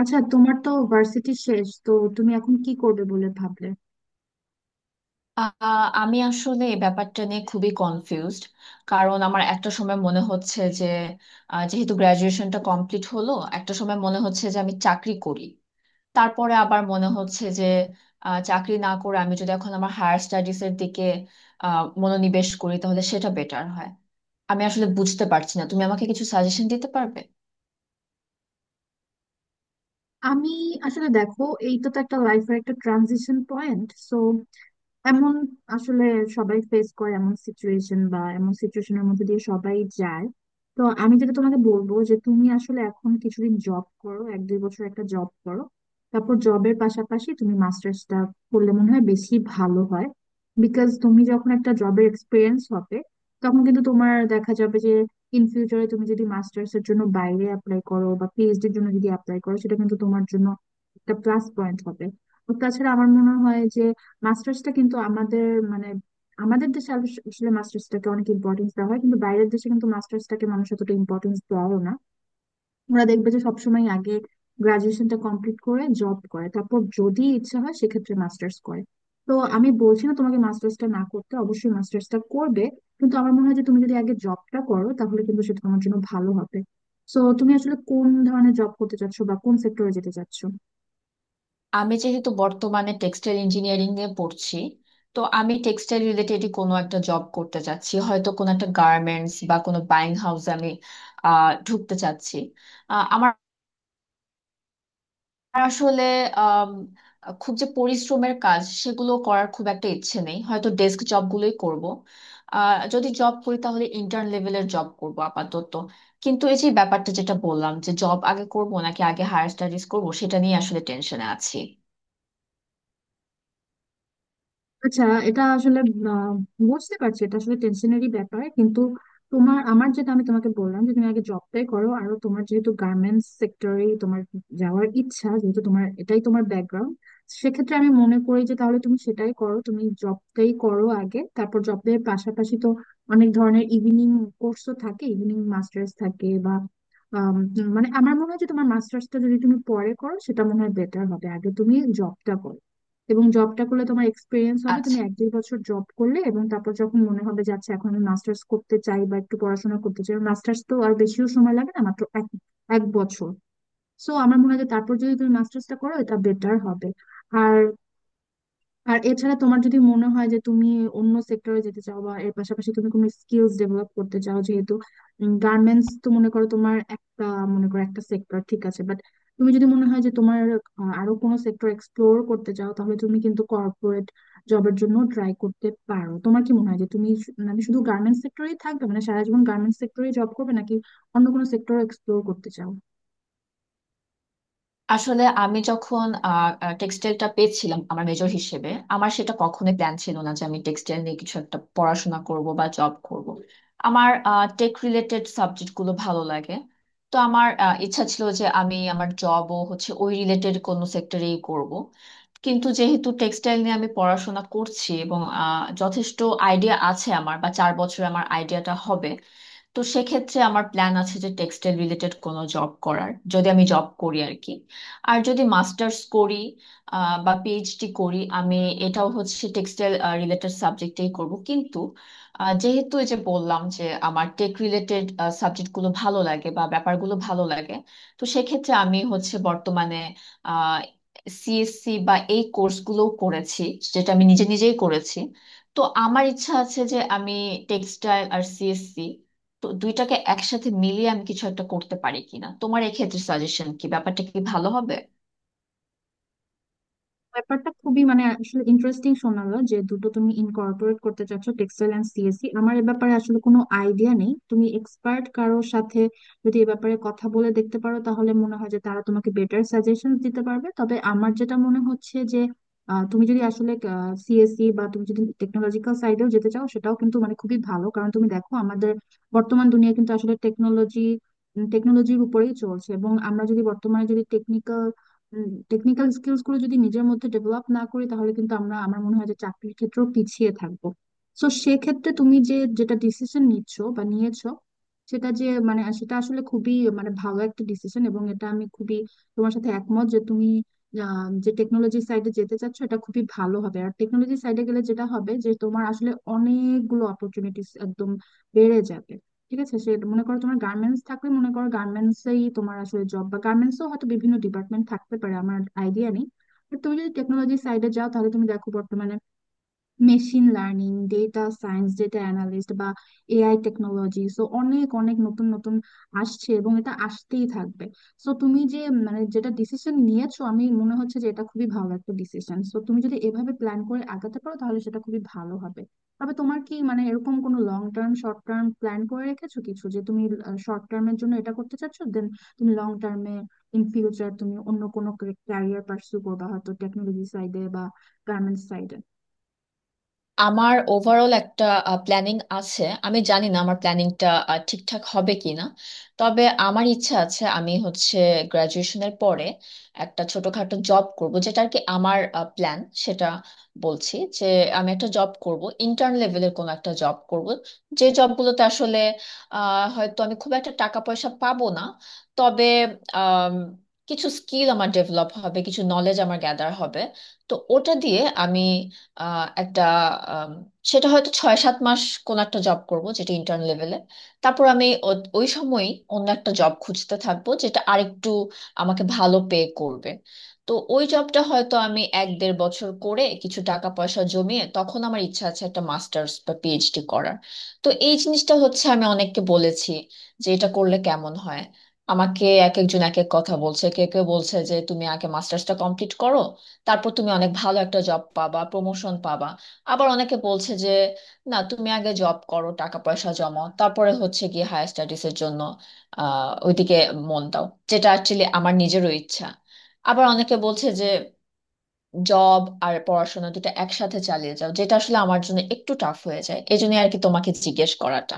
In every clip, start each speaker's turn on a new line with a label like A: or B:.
A: আচ্ছা, তোমার তো ভার্সিটি শেষ। তো তুমি এখন কি করবে বলে ভাবলে?
B: আহ, আমি আসলে এই ব্যাপারটা নিয়ে খুবই কনফিউজড। কারণ আমার একটা সময় মনে হচ্ছে যে যেহেতু গ্রাজুয়েশনটা কমপ্লিট হলো, একটা সময় মনে হচ্ছে যে আমি চাকরি করি। তারপরে আবার মনে হচ্ছে যে চাকরি না করে আমি যদি এখন আমার হায়ার স্টাডিজ এর দিকে মনোনিবেশ করি তাহলে সেটা বেটার হয়। আমি আসলে বুঝতে পারছি না, তুমি আমাকে কিছু সাজেশন দিতে পারবে?
A: আমি, আসলে দেখো, এইটা তো একটা লাইফের একটা ট্রানজিশন পয়েন্ট। সো এমন, আসলে, সবাই ফেস করে এমন সিচুয়েশন বা এমন সিচুয়েশনের মধ্যে দিয়ে সবাই যায়। তো আমি যেটা তোমাকে বলবো যে তুমি আসলে এখন কিছুদিন জব করো, 1-2 বছর একটা জব করো। তারপর জবের পাশাপাশি তুমি মাস্টার্সটা করলে মনে হয় বেশি ভালো হয়। বিকজ তুমি যখন একটা জবের এক্সপিরিয়েন্স হবে, তখন কিন্তু তোমার দেখা যাবে যে ইন ফিউচারে তুমি যদি মাস্টার্স এর জন্য বাইরে অ্যাপ্লাই করো বা পিএইচডি এর জন্য যদি অ্যাপ্লাই করো, সেটা কিন্তু তোমার জন্য একটা প্লাস পয়েন্ট হবে। তো তাছাড়া আমার মনে হয় যে মাস্টার্সটা কিন্তু আমাদের, মানে, আমাদের দেশে আসলে মাস্টার্সটাকে অনেক ইম্পর্টেন্স দেওয়া হয়, কিন্তু বাইরের দেশে কিন্তু মাস্টার্সটাকে মানুষ এতটা ইম্পর্টেন্স দেওয়াও না। ওরা দেখবে যে সবসময় আগে গ্রাজুয়েশনটা কমপ্লিট করে জব করে, তারপর যদি ইচ্ছা হয় সেক্ষেত্রে মাস্টার্স করে। তো আমি বলছি না তোমাকে মাস্টার্সটা না করতে, অবশ্যই মাস্টার্সটা করবে, কিন্তু আমার মনে হয় যে তুমি যদি আগে জবটা করো তাহলে কিন্তু সেটা তোমার জন্য ভালো হবে। তো তুমি আসলে কোন ধরনের জব করতে চাচ্ছো বা কোন সেক্টরে যেতে চাচ্ছো?
B: আমি যেহেতু বর্তমানে টেক্সটাইল ইঞ্জিনিয়ারিং এ পড়ছি, তো আমি টেক্সটাইল রিলেটেড কোনো একটা জব করতে চাচ্ছি, হয়তো কোনো একটা গার্মেন্টস বা কোনো বাইং হাউসে আমি ঢুকতে চাচ্ছি। আহ, আমার আসলে আম, খুব যে পরিশ্রমের কাজ সেগুলো করার খুব একটা ইচ্ছে নেই, হয়তো ডেস্ক জবগুলোই করব। যদি জব করি তাহলে ইন্টার্ন লেভেলের জব করব আপাতত। কিন্তু এই যে ব্যাপারটা যেটা বললাম, যে জব আগে করব নাকি আগে হায়ার স্টাডিজ করব, সেটা নিয়ে আসলে টেনশনে আছি।
A: আচ্ছা, এটা আসলে, আহ, বুঝতে পারছি, এটা আসলে টেনশনেরই ব্যাপার। কিন্তু তোমার, আমার যেটা আমি তোমাকে বললাম যে তুমি আগে জবটাই করো, আর তোমার যেহেতু গার্মেন্টস সেক্টরে তোমার যাওয়ার ইচ্ছা, যেহেতু তোমার এটাই তোমার ব্যাকগ্রাউন্ড, সেক্ষেত্রে আমি মনে করি যে তাহলে তুমি সেটাই করো, তুমি জবটাই করো আগে। তারপর জবের পাশাপাশি তো অনেক ধরনের ইভিনিং কোর্সও থাকে, ইভিনিং মাস্টার্স থাকে, বা আম, মানে, আমার মনে হয় যে তোমার মাস্টার্সটা যদি তুমি পরে করো সেটা মনে হয় বেটার হবে। আগে তুমি জবটা করো, এবং জবটা করলে তোমার এক্সপিরিয়েন্স হবে,
B: আচ্ছা,
A: তুমি 1-2 বছর জব করলে, এবং তারপর যখন মনে হবে যে আচ্ছা এখন আমি মাস্টার্স করতে চাই বা একটু পড়াশোনা করতে চাই, মাস্টার্স তো আর বেশিও সময় লাগে না, মাত্র এক এক বছর। সো আমার মনে হয় যে তারপর যদি তুমি মাস্টার্সটা করো এটা বেটার হবে। আর আর এছাড়া তোমার যদি মনে হয় যে তুমি অন্য সেক্টরে যেতে চাও, বা এর পাশাপাশি তুমি কোনো স্কিলস ডেভেলপ করতে চাও, যেহেতু গার্মেন্টস তো মনে করো তোমার একটা, মনে করো একটা সেক্টর, ঠিক আছে, বাট তুমি যদি মনে হয় যে তোমার আরো কোনো সেক্টর এক্সপ্লোর করতে চাও, তাহলে তুমি কিন্তু কর্পোরেট জবের জন্য ট্রাই করতে পারো। তোমার কি মনে হয় যে তুমি মানে শুধু গার্মেন্টস সেক্টরেই থাকবে, মানে সারা জীবন গার্মেন্টস সেক্টরেই জব করবে, নাকি অন্য কোনো সেক্টর এক্সপ্লোর করতে চাও?
B: আসলে আমি যখন টেক্সটাইলটা পেয়েছিলাম আমার মেজর হিসেবে, আমার সেটা কখনোই প্ল্যান ছিল না যে আমি টেক্সটাইল নিয়ে কিছু একটা পড়াশোনা করব বা জব করব। আমার টেক রিলেটেড সাবজেক্টগুলো ভালো লাগে। তো আমার ইচ্ছা ছিল যে আমি আমার জবও হচ্ছে ওই রিলেটেড কোনো সেক্টরেই করব। কিন্তু যেহেতু টেক্সটাইল নিয়ে আমি পড়াশোনা করছি এবং যথেষ্ট আইডিয়া আছে আমার, বা চার বছরে আমার আইডিয়াটা হবে, তো সেক্ষেত্রে আমার প্ল্যান আছে যে টেক্সটাইল রিলেটেড কোনো জব করার, যদি আমি জব করি আর কি। আর যদি মাস্টার্স করি বা পিএইচডি করি, আমি এটাও হচ্ছে টেক্সটাইল রিলেটেড সাবজেক্টেই করব। কিন্তু যেহেতু এই যে বললাম যে আমার টেক রিলেটেড সাবজেক্টগুলো ভালো লাগে বা ব্যাপারগুলো ভালো লাগে, তো সেক্ষেত্রে আমি হচ্ছে বর্তমানে সিএসসি বা এই কোর্সগুলো করেছি, যেটা আমি নিজে নিজেই করেছি। তো আমার ইচ্ছা আছে যে আমি টেক্সটাইল আর সিএসসি, তো দুইটাকে একসাথে মিলিয়ে আমি কিছু একটা করতে পারি কিনা। তোমার এক্ষেত্রে সাজেশন কি, ব্যাপারটা কি ভালো হবে?
A: ব্যাপারটা খুবই, মানে, আসলে ইন্টারেস্টিং শোনালো যে দুটো তুমি ইনকর্পোরেট করতে চাচ্ছ, টেক্সটাইল এন্ড সিএসসি। আমার এ ব্যাপারে আসলে কোনো আইডিয়া নেই, তুমি এক্সপার্ট কারোর সাথে যদি এ ব্যাপারে কথা বলে দেখতে পারো তাহলে মনে হয় যে তারা তোমাকে বেটার সাজেশন দিতে পারবে। তবে আমার যেটা মনে হচ্ছে যে তুমি যদি আসলে সিএসসি, বা তুমি যদি টেকনোলজিক্যাল সাইডেও যেতে চাও, সেটাও কিন্তু মানে খুবই ভালো, কারণ তুমি দেখো আমাদের বর্তমান দুনিয়া কিন্তু আসলে টেকনোলজির উপরেই চলছে। এবং আমরা যদি বর্তমানে যদি টেকনিক্যাল টেকনিক্যাল স্কিলস গুলো যদি নিজের মধ্যে ডেভেলপ না করি, তাহলে কিন্তু আমরা, আমার মনে হয় যে, চাকরির ক্ষেত্রেও পিছিয়ে থাকবো। তো সেক্ষেত্রে তুমি যেটা ডিসিশন নিচ্ছ বা নিয়েছো, সেটা যে মানে সেটা আসলে খুবই মানে ভালো একটা ডিসিশন, এবং এটা আমি খুবই তোমার সাথে একমত যে তুমি যে টেকনোলজি সাইডে যেতে চাচ্ছ, এটা খুবই ভালো হবে। আর টেকনোলজি সাইডে গেলে যেটা হবে যে তোমার আসলে অনেকগুলো অপরচুনিটিস একদম বেড়ে যাবে। ঠিক আছে, সে মনে করো তোমার গার্মেন্টস থাকলে মনে করো গার্মেন্টস এই তোমার আসলে জব, বা গার্মেন্টস ও হয়তো বিভিন্ন ডিপার্টমেন্ট থাকতে পারে, আমার আইডিয়া নেই। বাট তুমি যদি টেকনোলজি সাইডে যাও, তাহলে তুমি দেখো বর্তমানে machine learning, data science, data analyst, বা এআই টেকনোলজি, সো অনেক অনেক নতুন নতুন আসছে, এবং এটা আসতেই থাকবে। সো তুমি যে, মানে, যেটা ডিসিশন নিয়েছো, আমি মনে হচ্ছে যে এটা খুবই ভালো একটা ডিসিশন। সো তুমি যদি এভাবে প্ল্যান করে আগাতে পারো তাহলে সেটা খুবই ভালো হবে। তবে তোমার কি, মানে, এরকম কোনো long term short term plan করে রেখেছো কিছু, যে তুমি শর্ট টার্মের জন্য এটা করতে চাচ্ছো, দেন তুমি লং টার্মে, ইন ফিউচার তুমি অন্য কোনো ক্যারিয়ার পার্সু করবা, হয়তো টেকনোলজি সাইডে বা গার্মেন্টস সাইডে?
B: আমার ওভারঅল একটা প্ল্যানিং আছে, আমি জানি না আমার প্ল্যানিংটা ঠিকঠাক হবে কিনা। তবে আমার ইচ্ছা আছে আমি হচ্ছে গ্রাজুয়েশনের পরে একটা ছোটখাটো জব করব, যেটা আর কি আমার প্ল্যান। সেটা বলছি যে আমি একটা জব করব, ইন্টার্ন লেভেলের কোনো একটা জব করব, যে জবগুলোতে আসলে হয়তো আমি খুব একটা টাকা পয়সা পাবো না, তবে আম, কিছু স্কিল আমার ডেভেলপ হবে, কিছু নলেজ আমার গ্যাদার হবে। তো ওটা দিয়ে আমি আহ, একটা আম, সেটা হয়তো ছয় সাত মাস কোন একটা জব করব যেটা ইন্টার্ন লেভেলে। তারপর আমি ওই সময়ই অন্য একটা জব খুঁজতে থাকবো, যেটা আরেকটু আমাকে ভালো পে করবে। তো ওই জবটা হয়তো আমি এক দেড় বছর করে কিছু টাকা পয়সা জমিয়ে, তখন আমার ইচ্ছা আছে একটা মাস্টার্স বা পিএইচডি করার। তো এই জিনিসটা হচ্ছে আমি অনেককে বলেছি যে এটা করলে কেমন হয়। আমাকে এক একজন এক এক কথা বলছে। কেউ কেউ বলছে যে তুমি আগে মাস্টার্সটা কমপ্লিট করো, তারপর তুমি অনেক ভালো একটা জব পাবা, প্রমোশন পাবা। আবার অনেকে বলছে যে না, তুমি আগে জব করো, টাকা পয়সা জমাও, তারপরে হচ্ছে গিয়ে হায়ার স্টাডিজের জন্য ওইদিকে মন দাও, যেটা অ্যাকচুয়ালি আমার নিজেরও ইচ্ছা। আবার অনেকে বলছে যে জব আর পড়াশোনা দুটো একসাথে চালিয়ে যাও, যেটা আসলে আমার জন্য একটু টাফ হয়ে যায়। এই জন্য আর কি তোমাকে জিজ্ঞেস করাটা।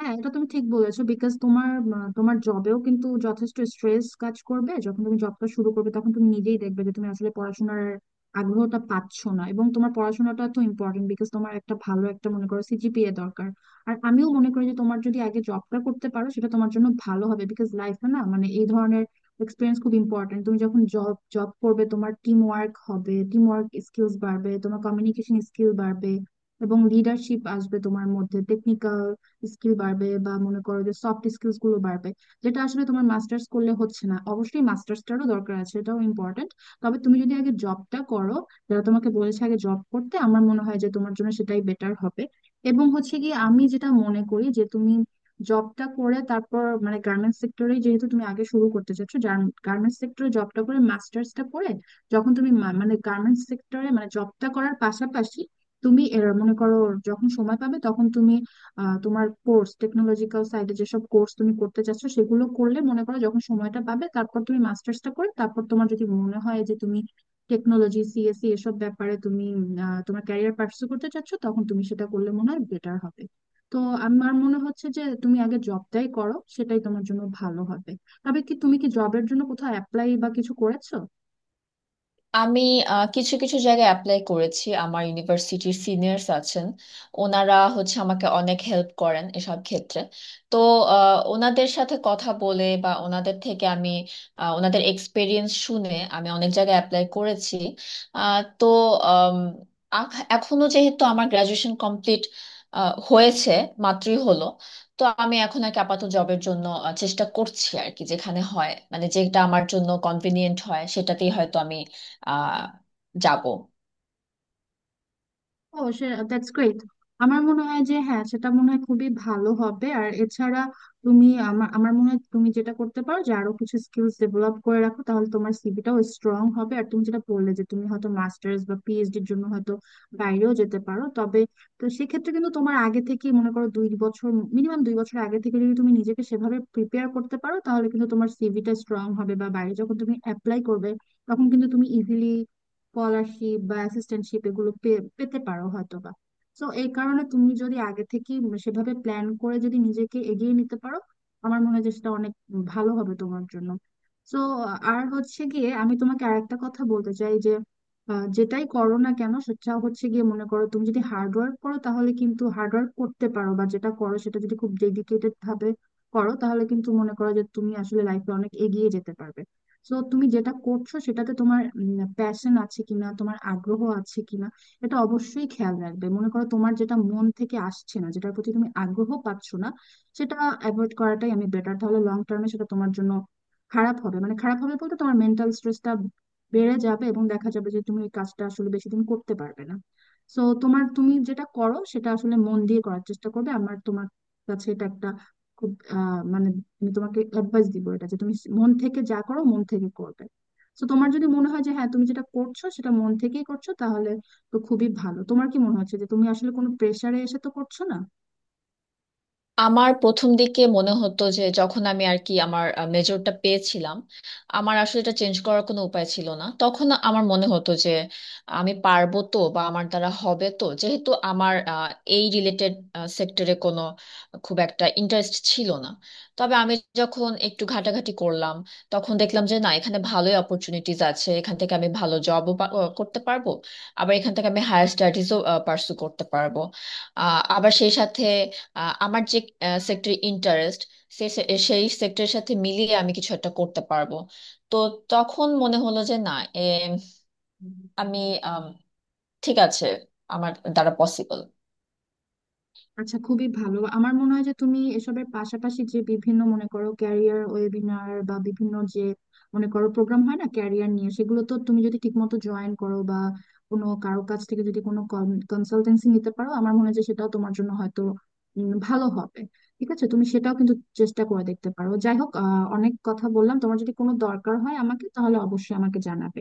A: হ্যাঁ, এটা তুমি ঠিক বলেছো। বিকজ তোমার তোমার জবেও কিন্তু যথেষ্ট স্ট্রেস কাজ করবে, যখন তুমি জবটা শুরু করবে তখন তুমি নিজেই দেখবে যে তুমি আসলে পড়াশোনার আগ্রহটা পাচ্ছ না, এবং তোমার পড়াশোনাটা তো ইম্পর্টেন্ট, বিকজ তোমার একটা ভালো একটা মনে করো সিজিপিএ দরকার। আর আমিও মনে করি যে তোমার যদি আগে জবটা করতে পারো সেটা তোমার জন্য ভালো হবে, বিকজ লাইফে না, মানে, এই ধরনের এক্সপিরিয়েন্স খুব ইম্পর্টেন্ট। তুমি যখন জব জব করবে, তোমার টিম ওয়ার্ক হবে, টিম ওয়ার্ক স্কিলস বাড়বে, তোমার কমিউনিকেশন স্কিল বাড়বে, এবং লিডারশিপ আসবে তোমার মধ্যে, টেকনিক্যাল স্কিল বাড়বে, বা মনে করো যে সফট স্কিলস গুলো বাড়বে, যেটা আসলে তোমার মাস্টার্স করলে হচ্ছে না। অবশ্যই মাস্টার্সটারও দরকার আছে, এটাও ইম্পর্টেন্ট, তবে তুমি যদি আগে জবটা করো, যারা তোমাকে বলেছে আগে জব করতে, আমার মনে হয় যে তোমার জন্য সেটাই বেটার হবে। এবং হচ্ছে কি, আমি যেটা মনে করি যে তুমি জবটা করে তারপর, মানে, গার্মেন্টস সেক্টরে যেহেতু তুমি আগে শুরু করতে চাচ্ছো, গার্মেন্টস সেক্টরে জবটা করে মাস্টার্সটা করে, যখন তুমি মানে গার্মেন্টস সেক্টরে মানে জবটা করার পাশাপাশি তুমি এর মনে করো যখন সময় পাবে তখন তুমি তোমার কোর্স, টেকনোলজিক্যাল সাইডে যেসব কোর্স তুমি করতে চাচ্ছ, সেগুলো করলে, মনে করো যখন সময়টা পাবে তারপর তুমি মাস্টার্সটা করে তারপর তোমার যদি মনে হয় যে তুমি টেকনোলজি, সিএসসি, এসব ব্যাপারে তুমি তোমার ক্যারিয়ার পার্সু করতে চাচ্ছ, তখন তুমি সেটা করলে মনে হয় বেটার হবে। তো আমার মনে হচ্ছে যে তুমি আগে জবটাই করো, সেটাই তোমার জন্য ভালো হবে। তবে কি তুমি কি জবের জন্য কোথাও অ্যাপ্লাই বা কিছু করেছো?
B: আমি কিছু কিছু জায়গায় অ্যাপ্লাই করেছি। আমার ইউনিভার্সিটির সিনিয়র্স আছেন, ওনারা হচ্ছে আমাকে অনেক হেল্প করেন এসব ক্ষেত্রে। তো ওনাদের সাথে কথা বলে বা ওনাদের থেকে আমি ওনাদের এক্সপিরিয়েন্স শুনে আমি অনেক জায়গায় অ্যাপ্লাই করেছি। আহ, তো আম, আখ- এখনো যেহেতু আমার গ্রাজুয়েশন কমপ্লিট হয়েছে, মাত্রই হলো, তো আমি এখন আর কি আপাতত জবের জন্য চেষ্টা করছি আর কি। যেখানে হয় মানে যেটা আমার জন্য কনভিনিয়েন্ট হয় সেটাতেই হয়তো আমি আহ যাব।
A: অবশ্যই, দ্যাটস গ্রেট। আমার মনে হয় যে হ্যাঁ সেটা মনে হয় খুবই ভালো হবে। আর এছাড়া তুমি, আমার আমার মনে হয়, তুমি যেটা করতে পারো যে আরো কিছু স্কিলস ডেভেলপ করে রাখো, তাহলে তোমার সিভিটাও স্ট্রং হবে। আর তুমি যেটা বললে যে তুমি হয়তো মাস্টার্স বা পিএইচডি এর জন্য হয়তো বাইরেও যেতে পারো, তবে, তো সেক্ষেত্রে কিন্তু তোমার আগে থেকে, মনে করো 2 বছর, মিনিমাম 2 বছর আগে থেকে যদি তুমি নিজেকে সেভাবে প্রিপেয়ার করতে পারো, তাহলে কিন্তু তোমার সিভিটা স্ট্রং হবে, বা বাইরে যখন তুমি অ্যাপ্লাই করবে তখন কিন্তু তুমি ইজিলি স্কলারশিপ বা অ্যাসিস্ট্যান্টশিপ এগুলো পেতে পারো হয়তোবা। তো এই কারণে তুমি যদি আগে থেকে সেভাবে প্ল্যান করে যদি নিজেকে এগিয়ে নিতে পারো, আমার মনে হয় যে সেটা অনেক ভালো হবে তোমার জন্য। তো আর হচ্ছে গিয়ে, আমি তোমাকে আরেকটা কথা বলতে চাই যে যেটাই করো না কেন, সেটা হচ্ছে গিয়ে, মনে করো তুমি যদি হার্ড ওয়ার্ক করো, তাহলে কিন্তু হার্ড ওয়ার্ক করতে পারো বা যেটা করো সেটা যদি খুব ডেডিকেটেড ভাবে করো, তাহলে কিন্তু মনে করো যে তুমি আসলে লাইফে অনেক এগিয়ে যেতে পারবে। তো তুমি যেটা করছো সেটাতে তোমার প্যাশন আছে কিনা, তোমার আগ্রহ আছে কিনা, এটা অবশ্যই খেয়াল রাখবে। মনে করো তোমার যেটা মন থেকে আসছে না, যেটার প্রতি তুমি আগ্রহ পাচ্ছ না, সেটা অ্যাভয়েড করাটাই আমি বেটার। তাহলে লং টার্মে সেটা তোমার জন্য খারাপ হবে, মানে খারাপ হবে বলতে তোমার মেন্টাল স্ট্রেসটা বেড়ে যাবে, এবং দেখা যাবে যে তুমি এই কাজটা আসলে বেশি দিন করতে পারবে না। সো তোমার, তুমি যেটা করো সেটা আসলে মন দিয়ে করার চেষ্টা করবে। আমার, তোমার কাছে এটা একটা খুব, মানে, আমি তোমাকে অ্যাডভাইস দিব এটা, যে তুমি মন থেকে যা করো মন থেকে করবে। তো তোমার যদি মনে হয় যে হ্যাঁ তুমি যেটা করছো সেটা মন থেকেই করছো, তাহলে তো খুবই ভালো। তোমার কি মনে হচ্ছে যে তুমি আসলে কোনো প্রেসারে এসে তো করছো না?
B: আমার প্রথম দিকে মনে হতো যে, যখন আমি আর কি আমার মেজরটা পেয়েছিলাম, আমার আসলে এটা চেঞ্জ করার কোনো উপায় ছিল না, তখন আমার মনে হতো যে আমি পারবো তো, বা আমার দ্বারা হবে তো, যেহেতু আমার এই রিলেটেড সেক্টরে কোনো খুব একটা ইন্টারেস্ট ছিল না। তবে আমি যখন একটু ঘাটাঘাটি করলাম, তখন দেখলাম যে না, এখানে ভালোই অপরচুনিটিজ আছে, এখান থেকে আমি ভালো জবও করতে পারবো, আবার এখান থেকে আমি হায়ার স্টাডিজও পার্সু করতে পারবো। আবার সেই সাথে আমার যে সেক্টর ইন্টারেস্ট, সে সে- সেই সেক্টরের সাথে মিলিয়ে আমি কিছু একটা করতে পারবো। তো তখন মনে হলো যে না, এ, আমি আম, ঠিক আছে, আমার দ্বারা পসিবল।
A: আচ্ছা, খুবই ভালো। আমার মনে হয় যে তুমি এসবের পাশাপাশি যে বিভিন্ন মনে করো ক্যারিয়ার ওয়েবিনার বা বিভিন্ন যে মনে করো প্রোগ্রাম হয় না ক্যারিয়ার নিয়ে, সেগুলো তো তুমি যদি ঠিকমতো জয়েন করো, বা কোনো কারো কাছ থেকে যদি কোনো কনসালটেন্সি নিতে পারো, আমার মনে হয় যে সেটাও তোমার জন্য হয়তো ভালো হবে। ঠিক আছে, তুমি সেটাও কিন্তু চেষ্টা করে দেখতে পারো। যাই হোক, অনেক কথা বললাম, তোমার যদি কোনো দরকার হয় আমাকে, তাহলে অবশ্যই আমাকে জানাবে।